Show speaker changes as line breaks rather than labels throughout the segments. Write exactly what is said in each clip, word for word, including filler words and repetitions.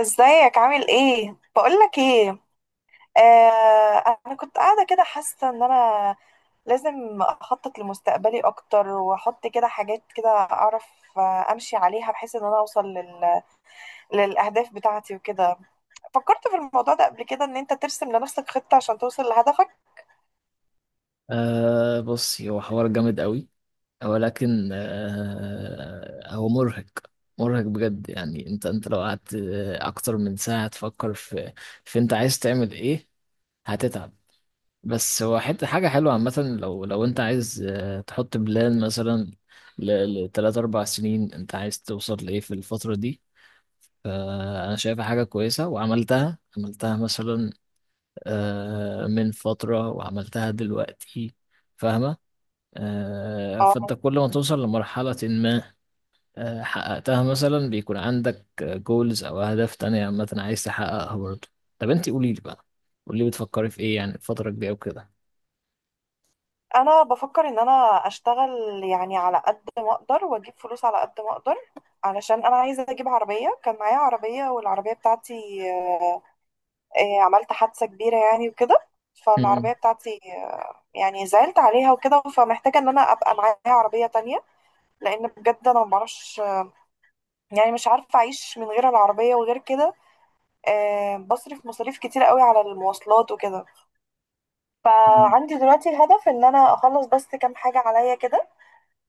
ازيك؟ عامل ايه؟ بقولك ايه. آه انا كنت قاعده كده حاسه ان انا لازم اخطط لمستقبلي اكتر، واحط كده حاجات كده اعرف، آه، امشي عليها بحيث ان انا اوصل لل... للاهداف بتاعتي وكده. فكرت في الموضوع ده قبل كده، ان انت ترسم لنفسك خطه عشان توصل لهدفك.
أه بصي هو حوار جامد قوي، ولكن أه هو مرهق، مرهق بجد. يعني انت انت لو قعدت آه، اكتر من ساعة تفكر في في انت عايز تعمل ايه هتتعب. بس هو حتة حاجة حلوة عامة، لو لو انت عايز آه، تحط بلان مثلا لثلاث اربع سنين انت عايز توصل لايه في الفترة دي. فأنا شايفها حاجة كويسة، وعملتها عملتها مثلا آه، من فترة، وعملتها دلوقتي. فاهمة؟ آه، فانت
اه
كل ما توصل لمرحلة ما آه، حققتها، مثلا بيكون عندك جولز او اهداف تانية عامة عايز تحققها برضه. طب انت قولي لي بقى، قولي لي بتفكري في ايه يعني الفترة الجاية وكده.
انا بفكر ان انا اشتغل يعني على قد ما اقدر، واجيب فلوس على قد ما اقدر، علشان انا عايزه اجيب عربيه. كان معايا عربيه، والعربيه بتاعتي آه، عملت حادثة كبيرة يعني وكده. فالعربية
مم.
بتاعتي آه، يعني زعلت عليها وكده، فمحتاجة ان انا ابقى معايا عربية تانية. لان بجد انا ما بعرفش، يعني مش عارفة اعيش من غير العربية وغير كده. آه، بصرف مصاريف كتير قوي على المواصلات وكده.
مم.
فعندي دلوقتي الهدف ان انا اخلص بس كام حاجة عليا كده.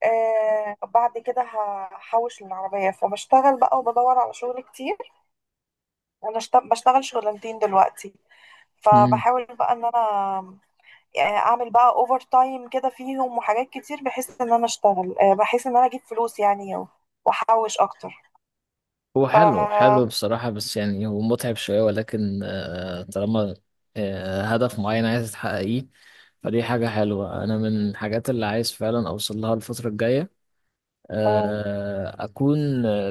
آه، بعد كده هحوش للعربية، فبشتغل بقى وبدور على شغل كتير. انا اشت- بشتغل شغلانتين دلوقتي.
مم.
فبحاول بقى ان انا آه، اعمل بقى اوفر تايم كده فيهم وحاجات كتير، بحيث ان انا اشتغل، آه، بحيث ان انا اجيب فلوس يعني و- واحوش اكتر.
هو حلو،
ف
حلو بصراحة، بس يعني هو متعب شوية، ولكن آه، طالما آه، هدف معين عايز تحققيه فدي حاجة حلوة. أنا من الحاجات اللي عايز فعلا أوصل لها الفترة الجاية
مم،
آه، اكون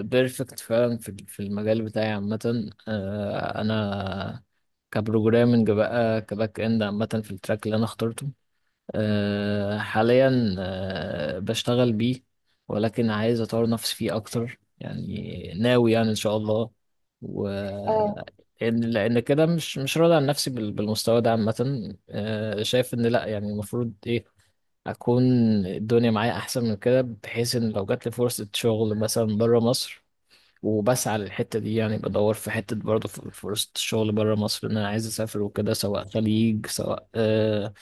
بيرفكت فعلا في في المجال بتاعي عامه. آه، انا كبروجرامنج بقى، كباك اند عامه، في التراك اللي انا اخترته آه، حاليا آه، بشتغل بيه، ولكن عايز اطور نفسي فيه اكتر. يعني ناوي يعني ان شاء الله، و
مم.
لان لأن كده مش مش راضي عن نفسي بال- بالمستوى ده عامه. آه، شايف ان لا، يعني المفروض ايه اكون الدنيا معايا احسن من كده، بحيث ان لو جات لي فرصه شغل مثلا بره مصر. وبسعى للحته دي، يعني بدور في حته برضه في فرصه الشغل بره مصر، ان انا عايز اسافر وكده، سواء خليج سواء آه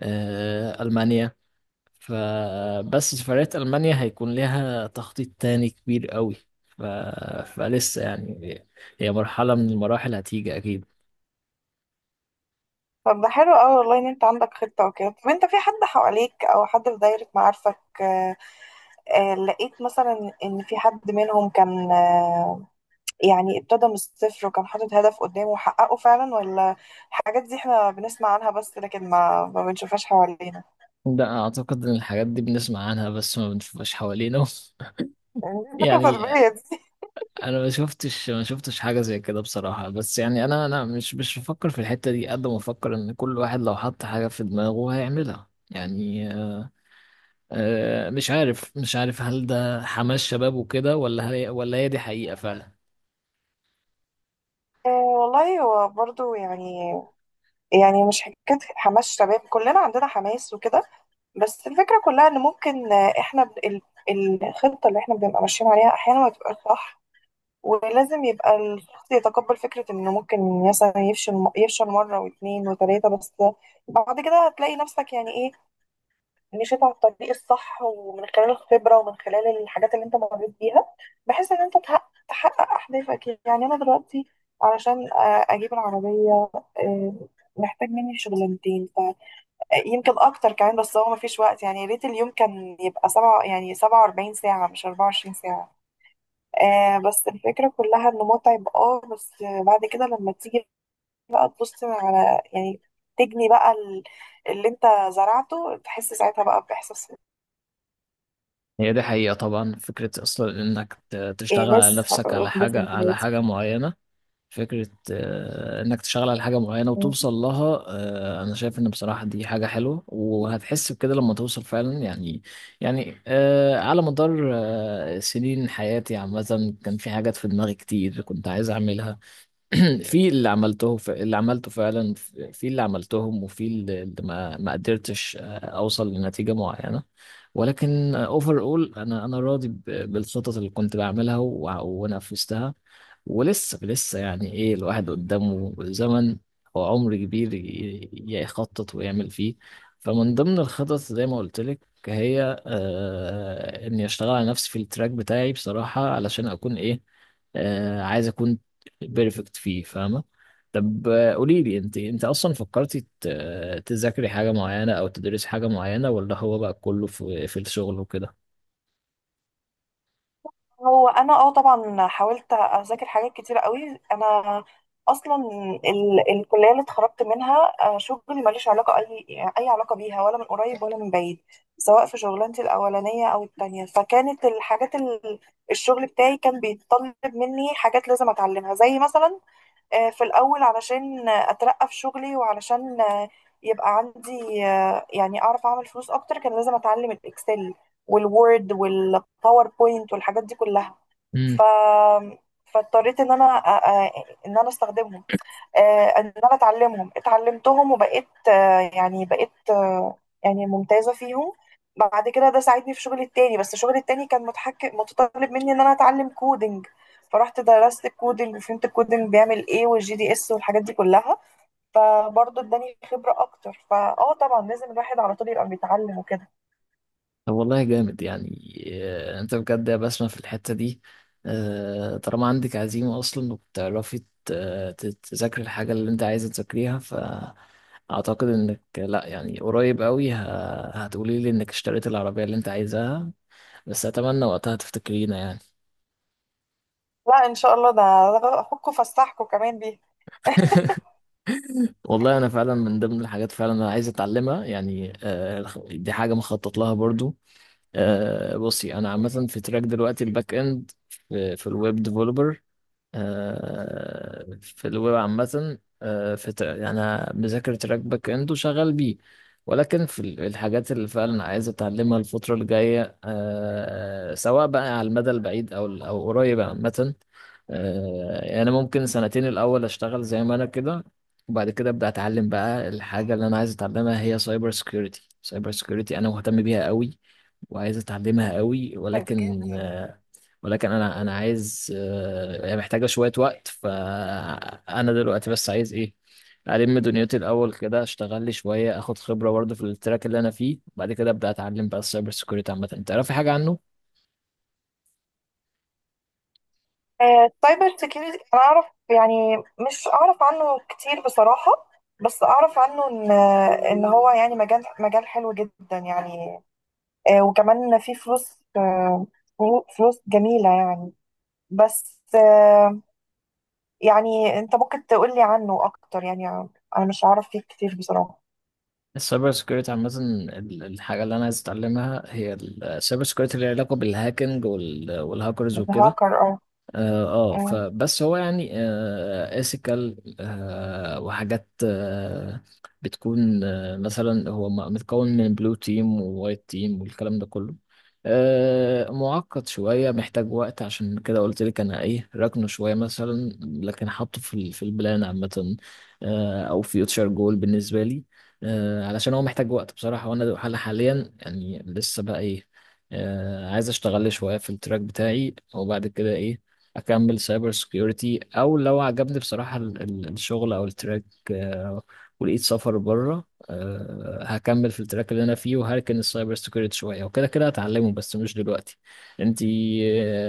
آه المانيا. فبس سفرية المانيا هيكون لها تخطيط تاني كبير قوي، ف... فلسه يعني، هي مرحله من المراحل هتيجي اكيد.
طب ده حلو قوي والله، ان انت عندك خطة وكده. طب انت في حد حواليك او حد في دايرة معارفك آه، آه، لقيت مثلا ان في حد منهم كان آه، يعني ابتدى من الصفر، وكان حاطط هدف قدامه وحققه فعلا؟ ولا الحاجات دي احنا بنسمع عنها بس لكن ما ما بنشوفهاش حوالينا،
ده اعتقد ان الحاجات دي بنسمع عنها بس ما بنشوفهاش حوالينا.
يعني دي الثقافة
يعني
السلبية دي؟
انا ما شفتش ما شفتش حاجه زي كده بصراحه، بس يعني انا انا مش مش بفكر في الحته دي قد ما بفكر ان كل واحد لو حط حاجه في دماغه هيعملها. يعني آه، مش عارف مش عارف هل ده حماس شباب وكده، ولا هي ولا هي دي حقيقه فعلا.
آه، والله هو برضو يعني، يعني مش حكاية حماس شباب، كلنا عندنا حماس وكده. بس الفكرة كلها ان ممكن، آه، احنا ب- ال- الخطة اللي احنا بنبقى ماشيين عليها احيانا ما تبقاش صح. ولازم يبقى الشخص يتقبل فكرة انه ممكن مثلا يفشل، يفشل مرة واثنين وثلاثة. بس بعد كده هتلاقي نفسك، يعني ايه، مشيت على الطريق الصح، ومن خلال الخبرة ومن خلال الحاجات اللي انت مريت بيها، بحيث ان انت تحقق, تحقق اهدافك. يعني انا دلوقتي علشان آه، اجيب العربية، آه، محتاج مني شغلانتين، فيمكن اكتر كمان. بس هو مفيش وقت، يعني يا ريت اليوم كان يبقى سبعة، يعني سبعة واربعين ساعة، مش اربعة وعشرين ساعة. آه بس الفكرة كلها انه متعب، اه. بس بعد كده لما تيجي بقى تبص على، يعني تجني بقى ال- اللي انت زرعته، تحس ساعتها بقى بإحساس.
هي دي حقيقه طبعا، فكره اصلا انك ت-
إيه،
تشتغل على
ناس ح-
نفسك، على حاجه
أحداثهم في
على
حياتي.
حاجه معينه. فكرة آه، إنك تشتغل على حاجة معينة
مم.
وتوصل لها آه، أنا شايف إن بصراحة دي حاجة حلوة، وهتحس بكده لما توصل فعلا يعني يعني آه، على مدار آه، سنين حياتي عامة كان في حاجات في دماغي كتير كنت عايز أعملها. في اللي عملته، ف- اللي عملته فعلا، في اللي عملتهم، وفي اللي اللي ما ما قدرتش آه، اوصل لنتيجة معينة. ولكن اوفر اول انا انا راضي ب- بالخطط اللي كنت بعملها وع- ونفذتها. ولسه لسه يعني ايه، الواحد قدامه زمن وعمر كبير ي- يخطط ويعمل فيه. فمن ضمن الخطط زي ما قلت لك، هي آه اني اشتغل على نفسي في التراك بتاعي بصراحة، علشان اكون ايه، آه عايز اكون بيرفكت فيه. فاهمة؟ طب آه، قولي لي، انت انت اصلا فكرتي ت- آه، تذاكري حاجة معينة او تدرسي حاجة معينة، ولا هو بقى كله في في الشغل وكده؟
هو انا اه طبعا حاولت اذاكر حاجات كتيرة قوي. انا اصلا ال الكليه اللي اتخرجت منها آه، شغلي ماليش علاقه، اي اي علاقه بيها، ولا من قريب ولا من بعيد، سواء في شغلانتي الاولانيه او التانية. فكانت الحاجات ال- الشغل بتاعي كان بيتطلب مني حاجات لازم اتعلمها. زي مثلا آه، في الأول، علشان آه، أترقى في شغلي، وعلشان آه، يبقى عندي آه، يعني أعرف أعمل فلوس أكتر، كان لازم أتعلم الإكسل والوورد والباوربوينت والحاجات دي كلها.
امم.
ف... فاضطريت إن أنا آه، آه، إن أنا أستخدمهم، آه، ان انا اتعلمهم اتعلمتهم وبقيت آه، يعني بقيت آه، يعني ممتازة فيهم. بعد كده ده ساعدني في شغلي التاني. بس شغلي التاني كان متحكم متطلب مني ان انا اتعلم كودينج. فرحت درست الكودينج، وفهمت الكودينج بيعمل ايه، والجي دي اس والحاجات دي كلها. فبرضه اداني خبرة اكتر. فاه، طبعا لازم الواحد على طول يبقى بيتعلم وكده.
طب والله جامد يعني آه، انت بجد يا بسمة في الحتة دي. آه، طالما عندك عزيمة اصلا، وبتعرفي ت- آه، ت- تذاكري الحاجة اللي انت عايزة تذاكريها، فاعتقد انك لا، يعني قريب قوي ه- هتقولي لي انك اشتريت العربية اللي انت عايزاها، بس اتمنى وقتها تفتكرينا يعني.
لا ان شاء الله، ده ده اخوكوا فسحكوا كمان بيه.
والله انا فعلا من ضمن الحاجات فعلا انا عايز اتعلمها يعني، آه، دي حاجه مخطط لها برضو. آه، بصي انا عامه في تراك دلوقتي الباك اند، في الويب ديفلوبر، آه، في الويب عامة، آه، في تر- يعني أنا مذاكر تراك باك إند، وشغال بيه. ولكن في ال- الحاجات اللي فعلا عايز أتعلمها الفترة الجاية آه، سواء بقى على المدى البعيد أو ال- أو قريب عامة، آه، يعني ممكن سنتين الأول أشتغل زي ما أنا كده، وبعد كده أبدأ أتعلم بقى الحاجة اللي أنا عايز أتعلمها، هي سايبر سيكيورتي. سايبر سيكيورتي أنا مهتم بيها قوي، وعايز أتعلمها قوي، ولكن
جدا.
آه، ولكن انا انا عايز آه، هي محتاجه شويه وقت. فانا دلوقتي بس عايز ايه، الم دنيتي الاول كده، اشتغل لي شويه، اخد خبره برضه في التراك اللي انا فيه، وبعد كده ابدا اتعلم بقى السايبر سيكيورتي عامه. انت تعرفي حاجه عنه؟
السايبر سيكيورتي انا اعرف يعني، مش اعرف عنه كتير بصراحة. بس اعرف عنه ان ان هو يعني مجال، مجال حلو جدا يعني. آه، وكمان فيه فلوس، آه، فلو- فلوس جميلة يعني. بس آه، يعني انت ممكن تقولي عنه اكتر يعني، انا مش عارف فيه كتير بصراحة.
السايبر سيكيورتي عامه، ال- الحاجه اللي انا عايز اتعلمها هي السايبر سيكيورتي اللي لها علاقه بالهاكينج وال- والهاكرز وكده.
هاكر، اه.
اه آه، فبس هو يعني آه اسيكال آه وحاجات آه بتكون آه مثلا، هو م- متكون من بلو تيم ووايت تيم والكلام ده كله. آه معقد شوية، محتاج وقت، عشان كده قلت لك انا ايه راكنه شوية مثلا، لكن حاطه في ال- في البلان عامة آه او فيوتشر جول بالنسبة لي، آه علشان هو محتاج وقت بصراحة. وانا حال- حاليا يعني لسه بقى ايه، آه عايز اشتغل لي شوية في التراك بتاعي، وبعد كده ايه، اكمل سايبر سكيورتي، او لو عجبني بصراحة ال- ال- الشغل او التراك آه، ولقيت سفر بره آه، هكمل في التراك اللي انا فيه، وهركن السايبر سكيورتي شوية، وكده كده هتعلمه بس مش دلوقتي. انتي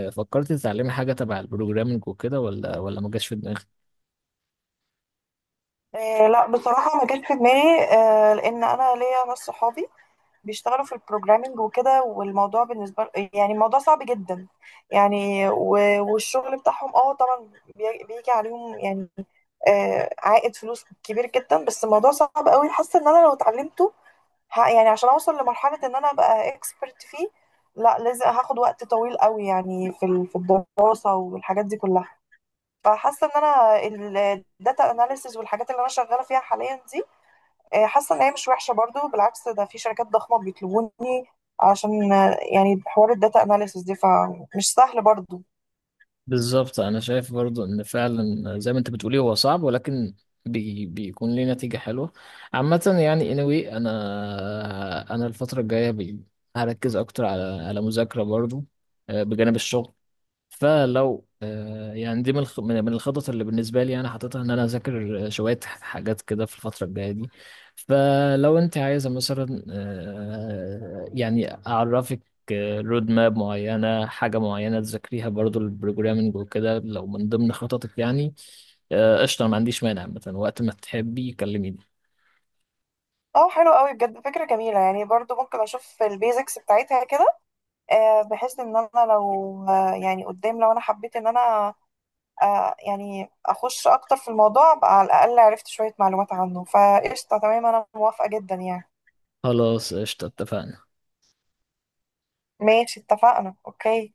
آه، فكرتي تتعلمي حاجة تبع البروجرامنج وكده، ولا ولا ما جاش في دماغك؟
آه، لا بصراحة ما جاش في دماغي، آه، لأن أنا ليا ناس صحابي بيشتغلوا في البروجرامينج وكده. والموضوع بالنسبة ل- يعني الموضوع صعب جدا يعني، و- والشغل بتاعهم اه طبعا بي- بيجي عليهم يعني آه عائد فلوس كبير جدا. بس الموضوع صعب قوي، حاسة ان انا لو اتعلمته، ه- يعني عشان اوصل لمرحلة ان انا ابقى اكسبرت فيه، لا لازم هاخد وقت طويل قوي، يعني في ال- في الدراسة والحاجات دي كلها. فحاسة ان انا الداتا اناليسز والحاجات اللي انا شغالة فيها حاليا دي، آه، حاسه ان هي مش وحشه برضو. بالعكس، ده في شركات ضخمه بيطلبوني، عشان آه، يعني حوار الداتا اناليسيس دي، فمش سهل برضو.
بالظبط انا شايف برضو ان فعلا زي ما انت بتقولي هو صعب، ولكن بي بيكون ليه نتيجة حلوة عامة. يعني anyway انا انا الفترة الجاية بي- هركز اكتر على على مذاكرة برضو آه، بجانب الشغل. فلو آه، يعني دي من الخ- من من الخطط اللي بالنسبه لي انا حاططها، ان انا اذاكر آه، شويه حاجات كده في الفتره الجايه دي. فلو انت عايزه مثلا آه، يعني اعرفك آه، رود ماب معينه، حاجه معينه تذاكريها برضو البروجرامنج وكده، لو من ضمن خططك يعني آه، قشطه، ما عنديش مانع. مثلا وقت ما تحبي كلميني.
اه حلو قوي بجد، فكره جميله يعني. برضو ممكن اشوف البيزكس بتاعتها كده، آه، بحيث ان انا لو آه، يعني قدام، لو انا حبيت ان انا آه، يعني اخش اكتر في الموضوع، ابقى على الاقل عرفت شويه معلومات عنه. فقشطه، تمام، انا موافقه جدا يعني.
خلاص قشطه، اتفقنا.
ماشي، اتفقنا، اوكي.